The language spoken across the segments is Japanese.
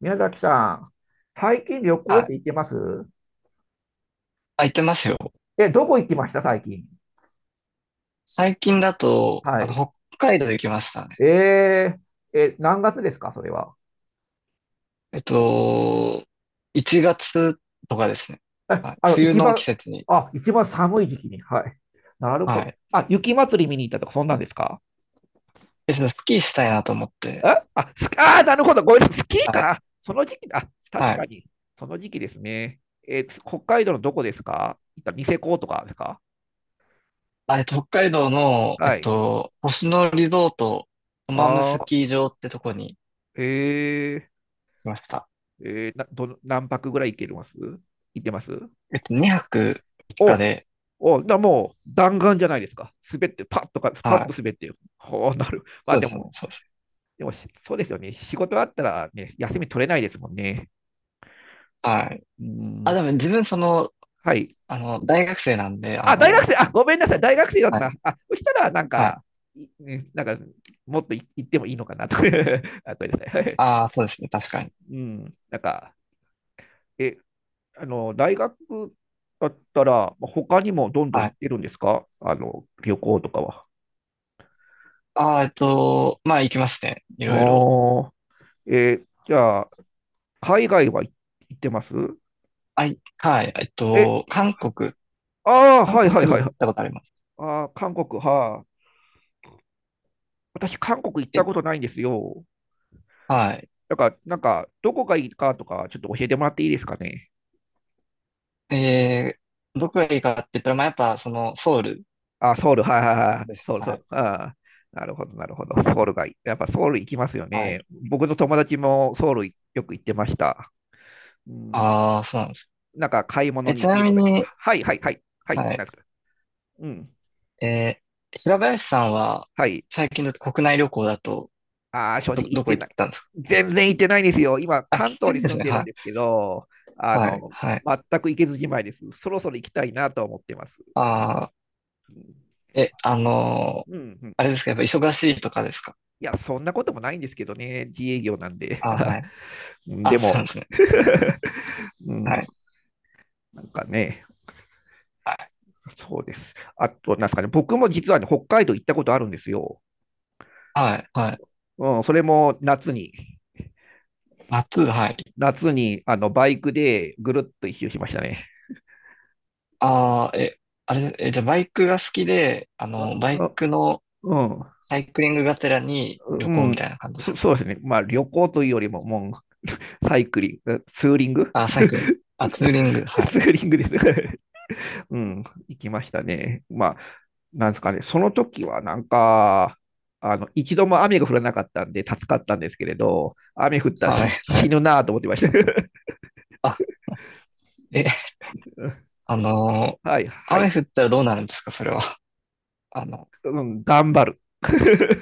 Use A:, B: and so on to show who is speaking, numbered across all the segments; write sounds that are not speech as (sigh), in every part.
A: 宮崎さん、最近旅行っ
B: あ、
A: て行ってます？
B: あ、行ってますよ。
A: え、どこ行きました最近。
B: 最近だと、
A: はい。
B: 北海道行きましたね。
A: え何月ですかそれは。
B: えっと、1月とかですね。
A: え、
B: はい。
A: あの、
B: 冬
A: 一
B: の季
A: 番、
B: 節に。
A: あ、一番寒い時期に。はい。なるほ
B: は
A: ど。
B: い。
A: あ、雪祭り見に行ったとか、そんなんですか？
B: で、そのスキーしたいなと思っ
A: え
B: て。
A: あ、スあー、なるほど。ごめんなさい。スキー
B: はい。
A: か。その時期だ。確
B: は
A: か
B: い。
A: に。その時期ですね。えー北海道のどこですか？行ったニセコとかですか？
B: あ、北海道の、
A: はい。
B: 星野リゾート、トマムス
A: あ
B: キー場ってとこに
A: ー、え
B: しました。
A: ー、えーな、どの、何泊ぐらい行けます？行ってます？
B: 2泊3日
A: お、
B: で、
A: お、だもう弾丸じゃないですか。滑って、パッとか、パッ
B: は
A: と
B: い。
A: 滑って、ほうなる。まあ
B: そうで
A: で
B: すね、
A: も、
B: そうです。
A: でもしそうですよね。仕事あったら、ね、休み取れないですもんね。
B: はい。
A: う
B: あ、
A: ん。
B: でも自分
A: はい。
B: 大学生なんで、
A: あ、大学生、あ、ごめんなさい。大学生だっ
B: は
A: た。
B: い。
A: あ、そしたら、
B: はい。
A: いねなんか、もっとい言ってもいいのかなと。(laughs) あ、ごめんなさい。はい。
B: ああ、そうですね、確かに。
A: うん。なんか、え、あの、大学だったら、まあ他にもどんどん
B: は
A: 行
B: い。
A: ってるんですか？旅行とかは。
B: ああ、まあ行きますね。いろいろ。
A: ああ、えーじゃあ、海外は行ってます？
B: はい、はい、
A: え、
B: 韓国、
A: ああ、
B: 韓
A: はいはい
B: 国
A: は
B: に
A: い
B: 行っ
A: はい。
B: たことあります。
A: ああ、韓国、はあ。私、韓国行った
B: え、
A: ことないんですよ。
B: はい。
A: だから、なんか、どこがいいかとか、ちょっと教えてもらっていいですかね。
B: えどこがいいかって言ったら、まあやっぱその、ソウル
A: あ、ソウル、はいはいはい。
B: です
A: ソ
B: ね。
A: ウル、ソ
B: は
A: ウ
B: い、
A: ル。ああ、なるほど、なるほど。ソウルがいい。やっぱソウル行きますよ
B: は
A: ね。
B: い。
A: 僕の友達もソウルよく行ってました。うん、
B: ああ、そうなんです。
A: 買い物
B: え、
A: に
B: ち
A: 行
B: な
A: く
B: み
A: とか。
B: に、
A: はいはいはい。はい、
B: は
A: な
B: い、
A: んですか。うん。
B: え平林さんは、
A: はい。
B: 最近だと国内旅行だと、
A: ああ、正直行っ
B: どこ
A: て
B: 行っ
A: ない。
B: たんですか？
A: 全然行ってないんですよ。今、
B: あ、行
A: 関
B: っ
A: 東
B: た
A: に
B: んで
A: 住
B: す
A: ん
B: ね。
A: でるん
B: はい、
A: ですけど、あ
B: はい、
A: の、
B: はい。
A: 全く行けずじまいです。そろそろ行きたいなと思ってます。
B: ああ、
A: うん、
B: え、あのー
A: うんうん。
B: あれですか、やっぱ忙しいとかですか？
A: いや、そんなこともないんですけどね。自営業なんで。
B: ああ、はい。
A: (laughs) で
B: あ、そうなん
A: も、
B: ですね。
A: う
B: は
A: ん、
B: い。
A: なんかね、そうです。あと、なんですかね、僕も実はね、北海道行ったことあるんですよ。
B: はい、はい。
A: うん、それも夏に、
B: 夏、はい。
A: 夏に、バイクでぐるっと一周しましたね。
B: ああ、あれ、じゃあバイクが好きで、バ
A: あ
B: イ
A: あ
B: クの
A: うん、
B: サイクリングがてらに旅
A: う
B: 行みた
A: ん、
B: いな感じですか？
A: そうですね。まあ、旅行というよりも、もサイクリング、ツーリング
B: あ、サ
A: (laughs)
B: イクリング。あ、ツーリング、は
A: ツ
B: い。
A: ーリングです (laughs)。うん、行きましたね。まあ、なんですかね、その時はなんか、一度も雨が降らなかったんで助かったんですけれど、雨降ったら
B: はい、
A: 死
B: は
A: 死
B: い。
A: ぬなぁと思ってました。(laughs)
B: あ、え、(laughs) あのー
A: はい、は
B: 雨
A: い、
B: 降ったらどうなるんですかそれは？(laughs) あの、
A: うん、頑張る。(laughs)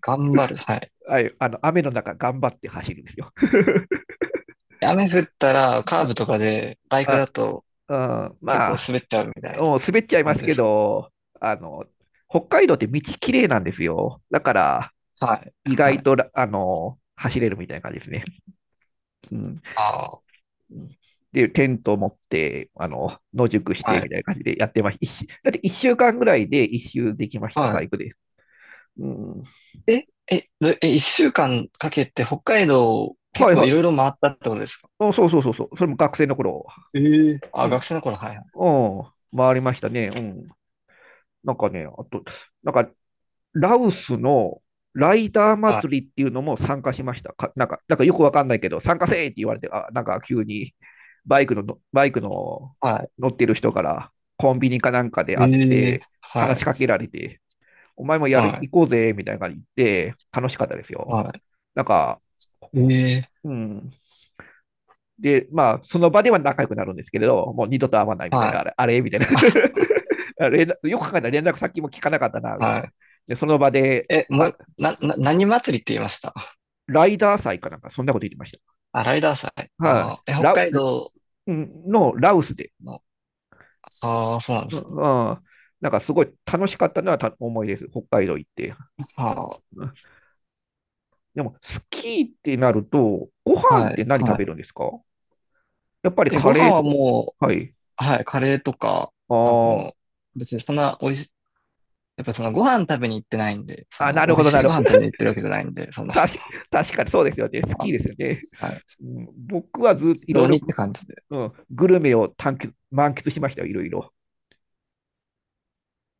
B: 頑張る、はい。
A: はい、雨の中頑張って走るんですよ。
B: 雨降ったらカーブ
A: (laughs)
B: とかでバイク
A: あ、あ、
B: だと
A: うん、
B: 結
A: ま
B: 構
A: あ、
B: 滑っちゃうみたいな
A: もう滑っちゃいま
B: 感
A: す
B: じで
A: け
B: すか？
A: ど、あの、北海道って道きれいなんですよ。だから、
B: はい、
A: 意
B: は
A: 外
B: い。
A: と走れるみたいな感じですね。うん、
B: ああ、
A: で、テントを持って、野宿し
B: は
A: てみ
B: い、
A: たいな感じでやってました。だって1週間ぐらいで一周できました、
B: は
A: バイ
B: い。
A: クで。うん、
B: 一週間かけて北海道結
A: はい
B: 構
A: は
B: いろいろ
A: い。
B: 回ったってことですか？
A: あそうそうそうそう。それも学生の頃。
B: ええ、
A: う
B: あ、学
A: ん。
B: 生の頃、はいはい。
A: うん。回りましたね。うん。なんかね、あと、なんかラオスのライター
B: はい。
A: 祭りっていうのも参加しました。かなんか、なんかよくわかんないけど、参加せーって言われて、あ、なんか急にバイクの
B: はい、
A: 乗ってる人からコンビニかなんかで会っ
B: ええ、
A: て、
B: は
A: 話しかけ
B: い。
A: られて、お前もやる、
B: はい。
A: 行こうぜ、みたいな感じで、楽しかったです
B: は
A: よ。
B: い。
A: なんか、
B: ええ、
A: うん、で、まあ、その場では仲良くなるんですけれど、もう二度と会わないみたい
B: は
A: な、
B: い。
A: あれ、あれみたいな
B: あ、
A: (laughs) あ連絡よく考えたら連絡先も聞かなかったな、みたい
B: は
A: な。
B: い。
A: で、その場で、
B: も
A: あ、
B: う、何祭りって言いました？
A: ライダー祭かなんか、そんなこと言ってまし
B: あ、ライダー祭。
A: た。はい、あ
B: 北
A: ラウ、
B: 海道
A: のラウスで。
B: の。ああ、そうなんで
A: う
B: すね。
A: んうんなんかすごい楽しかったのはた思いです。北海道行って。
B: は
A: うんでも、スキーってなると、ご
B: あ、
A: 飯っ
B: は
A: て
B: い、
A: 何食
B: は
A: べる
B: い。
A: んですか？やっぱりカ
B: ご
A: レ
B: 飯
A: ーと
B: は
A: か。
B: も
A: はい。
B: う、はい、カレーとか、あ
A: あ
B: の、別にそんな美味し、やっぱそのご飯食べに行ってないんで、そ
A: あ、
B: の
A: な
B: 美
A: る
B: 味
A: ほど、
B: し
A: な
B: い
A: る
B: ご
A: ほ
B: 飯
A: ど。
B: 食べに行ってるわけじゃないんで、
A: 確確かにそうですよね。ス
B: あ
A: キ
B: の
A: ーですよね。
B: はい、
A: うん、僕はずっと
B: 適
A: いろい
B: 当
A: ろ、
B: にって感じで。
A: うん、グルメを探求満喫しましたよ、いろいろ。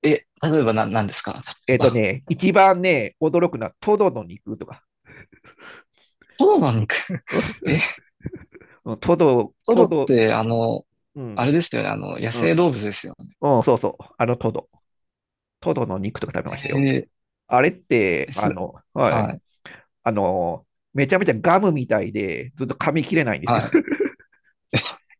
B: え、例えば何ですか？例
A: え
B: え
A: っ、ーと
B: ば、
A: ね、一番ね、驚くのはトドの肉とか、
B: トドの肉。
A: う
B: (laughs)。え、
A: ん、トド、
B: トド
A: ト
B: っ
A: ド、
B: て
A: う
B: あれ
A: ん、
B: ですよね、野
A: うん、
B: 生
A: う
B: 動物ですよ
A: ん、そうそう、あのトド、トドの肉とか食べましたよ。
B: ね。
A: あれって、
B: それ、
A: はい、
B: はい、
A: あの、めちゃめちゃガムみたいで、ずっと噛み切れないんですよ。
B: はい。(laughs)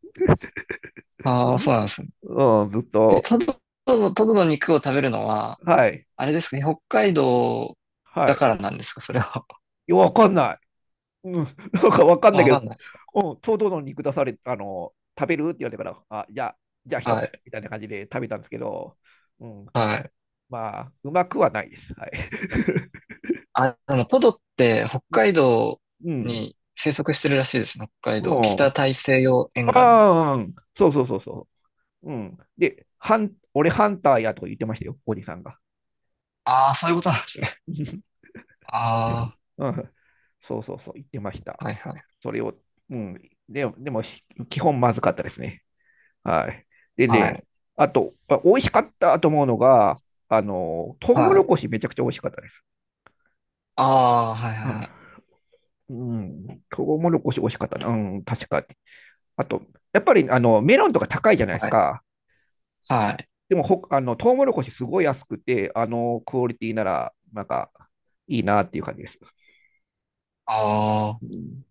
A: (laughs)
B: ああ、そうなんですね。
A: うん、ずっ
B: え、
A: と、
B: トド、トドの肉を食べるのは、
A: はい、
B: あれですかね、北海道
A: は
B: だか
A: い。
B: らなんですかそれは？
A: わかんない。うん、なんかわ
B: (laughs)
A: かんない
B: わ
A: けど、
B: かんないですか？
A: うん、ちょうどの肉出され、食べるって言われたから、あ、じゃあ、じゃあ一
B: は
A: つ
B: い、
A: みたいな感じで食べたんですけど、うん、
B: はい。
A: まあ、うまくはないです。はい。
B: ポドって北
A: (laughs) う
B: 海道
A: うん、
B: に生息してるらしいですね。北海道。北
A: も
B: 大西洋
A: う
B: 沿岸に。
A: ああ、うんそうそうそうそう。うん。で、ハン、俺ハンターやとか言ってましたよ、おじさんが。
B: ああ、そういうことなんですね。
A: (laughs)
B: (laughs) あ
A: うん、そうそうそう、言ってまし
B: あ、は
A: た。
B: いはい。
A: それを、うん、でも、でも、し基本まずかったですね。はい。で
B: は
A: ね、
B: い。
A: あと、あ美味しかったと思うのが、トウモ
B: は
A: ロ
B: い。
A: コシめちゃくちゃ美味しかったです。
B: ああ、はいはいはい。
A: はい。うん、トウモロコシ美味しかったな。うん、確かに。あと、やっぱりあのメロンとか高いじゃないで
B: は
A: す
B: い。
A: か。
B: はい。
A: でもほ、トウモロコシすごい安くて、クオリティなら、なんか、いいなっていう感じです。
B: あ
A: う
B: あ。
A: ん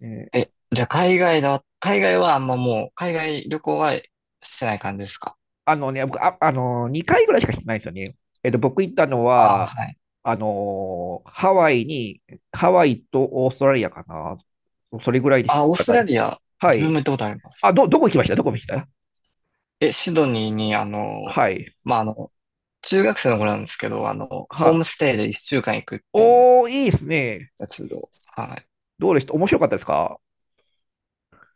A: ね
B: じゃあ海外だ。海外はあんまもう、海外旅行はしてない感じですか？
A: あのね、僕、あ、2回ぐらいしかしてないんですよね。えっと、僕行ったの
B: ああ、
A: は、
B: はい。
A: ハワイに、ハワイとオーストラリアかな。それぐらいで
B: あ
A: す
B: あ、オースト
A: か
B: ラ
A: ね。
B: リア、
A: は
B: 自分
A: い。
B: も行ったことあります。
A: あ、ど、どこ行きました？どこ行きました？
B: シドニーに、あの、
A: はい。
B: まあ、あの、中学生の頃なんですけど、ホーム
A: は、
B: ステイで一週間行くっていう。
A: おー、いいですね。
B: やつ。はい。
A: どうでした？面白かったですか？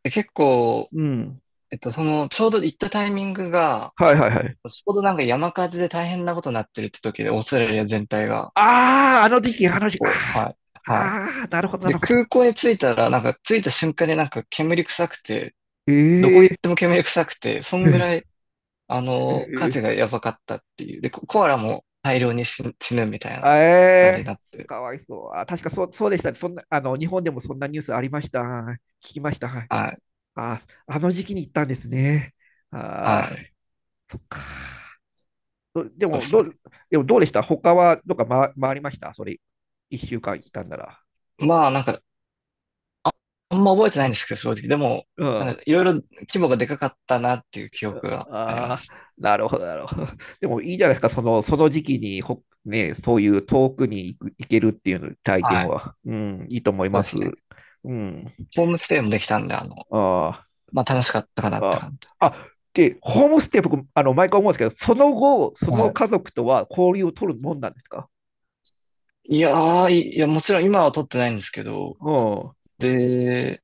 B: で結構、
A: うん。
B: ちょうど行ったタイミングが、
A: はいはいはい。
B: ちょうどなんか山火事で大変なことになってるって時で、オーストラリア全体が。
A: あー、あの時期、あ
B: 結
A: の時期、あ
B: 構、はい。
A: ー、
B: はい。
A: ああなるほど、な
B: で、
A: るほど。
B: 空港に着いたら、なんか着いた瞬間になんか煙臭くて、
A: え
B: どこ行っ
A: ー、
B: ても煙臭くて、そん
A: え
B: ぐらい、
A: ー
B: 火事がやばかったっていう。で、ココアラも大量に死ぬみたいな
A: あ
B: 感じ
A: え
B: になっ
A: ー、
B: て。
A: かわいそう。あ、確かそう、そうでした。そんな、日本でもそんなニュースありました。聞きました。はい。
B: はい。
A: あ、あの時期に行ったんですね。
B: は
A: あ
B: い。
A: ー、どで
B: そう
A: も、
B: です
A: ど
B: ね。
A: う、でもどうでした他は、どっか回、回りましたそれ、一週間行ったんなら。
B: まあ、なんかあんま覚えてないんですけど、正直。でも、
A: う
B: なん
A: ん。
B: かいろいろ規模がでかかったなっていう記憶がありま
A: ああ、
B: す。
A: なるほど、なるほど。でもいいじゃないですか、その、その時期にほ、ね、そういう遠くに行く、行けるっていう体
B: は
A: 験
B: い。
A: は。うん、いいと思い
B: そう
A: ま
B: で
A: す。
B: すね。
A: うん。
B: ホームステイもできたんで、
A: ああ。
B: まあ楽しかったかなって
A: あ
B: 感じ。
A: あ、で、ホームステイ、僕、毎回思うんですけど、その後、その
B: はい。
A: 家族とは交流を取るもんなんですか？
B: いやー、いいや、もちろん今は取ってないんですけど、
A: うん。
B: で、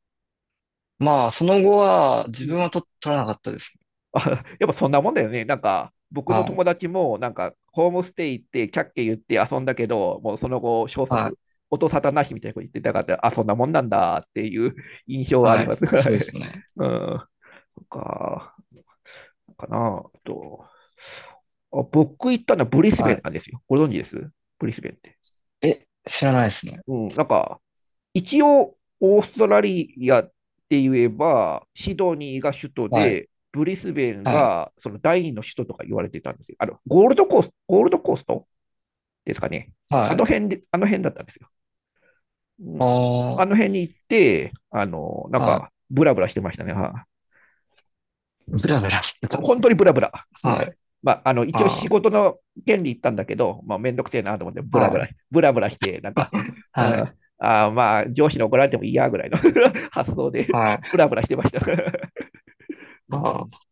B: まあその後は
A: う
B: 自分
A: ん。
B: は取らなかったですね。
A: あ、やっぱそんなもんだよね。なんか、僕の
B: はい。
A: 友達も、なんか、ホームステイ行って、キャッキャ言って遊んだけど、もうその後、消
B: はい。
A: 息、音沙汰なしみたいなこと言ってたから、あ、そんなもんなんだっていう (laughs) 印象はあり
B: は
A: ま
B: い。
A: す。(laughs) は
B: そうで
A: い。
B: すね。
A: うん。そっか、かな。あと、あ、僕行ったのはブリスベ
B: は
A: ン
B: い。
A: なんですよ。ご存知です？ブリスベンって。
B: え、知らないですね。
A: うん。なんか、一応、オーストラリアって言えば、シドニーが首都
B: はい。
A: で、ブリスベン
B: はい。
A: がその第二の首都とか言われてたんですけど、ゴールドコース、ゴールドコーストですかね。あ
B: は
A: の
B: い。
A: 辺で、あの辺だったんですよ。うん。あ
B: あ
A: の辺に行って、なん
B: あ、はい。
A: か、ブラブラしてましたね。は
B: ブラブラしてたんで
A: 本
B: す
A: 当
B: ね。
A: にブラブラ。う
B: は
A: ん。
B: い。
A: まあ、一応仕
B: あ
A: 事の権利行ったんだけど、まあ、めんどくせえなと思って、ブ
B: あ、
A: ラブ
B: は
A: ラ、
B: い。
A: ブラブラして、なんか、
B: (laughs)
A: う
B: はい。
A: ん、あまあ、上司に怒られてもいいやぐらいの (laughs) 発想で、
B: はい。
A: ブラブラしてました。(laughs) う
B: あ
A: ん、
B: あ、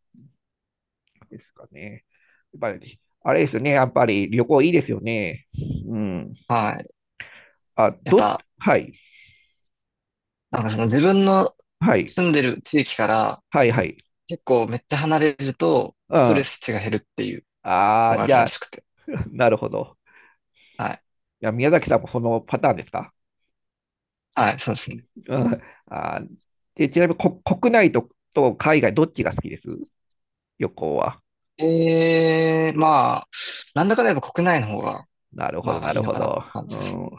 A: ですかね。やっぱり、あれですよね、やっぱり旅行いいですよね。うん。
B: はい。
A: あ、
B: やっ
A: ど、
B: ぱ、
A: はい、
B: なんかその自分の
A: はい、
B: 住んでる地域から
A: はい、はい。
B: 結構めっちゃ離れると
A: うん。
B: ストレ
A: あ
B: ス値が減るっていうの
A: あ、
B: があ
A: じ
B: る
A: ゃ
B: ら
A: あ、
B: しくて。
A: (laughs) なるほど。
B: はい。
A: いや、宮崎さんもそのパターンですか？
B: はい、そうですね。
A: うんあで、ちなみにこ国内と、と海外、どっちが好きです？旅行は。
B: ええ、まあ、なんだかんだやっぱ国内の方が、
A: なるほど、
B: まあ
A: な
B: いい
A: る
B: の
A: ほ
B: かなって
A: ど。
B: 感じ
A: う
B: です。
A: ん、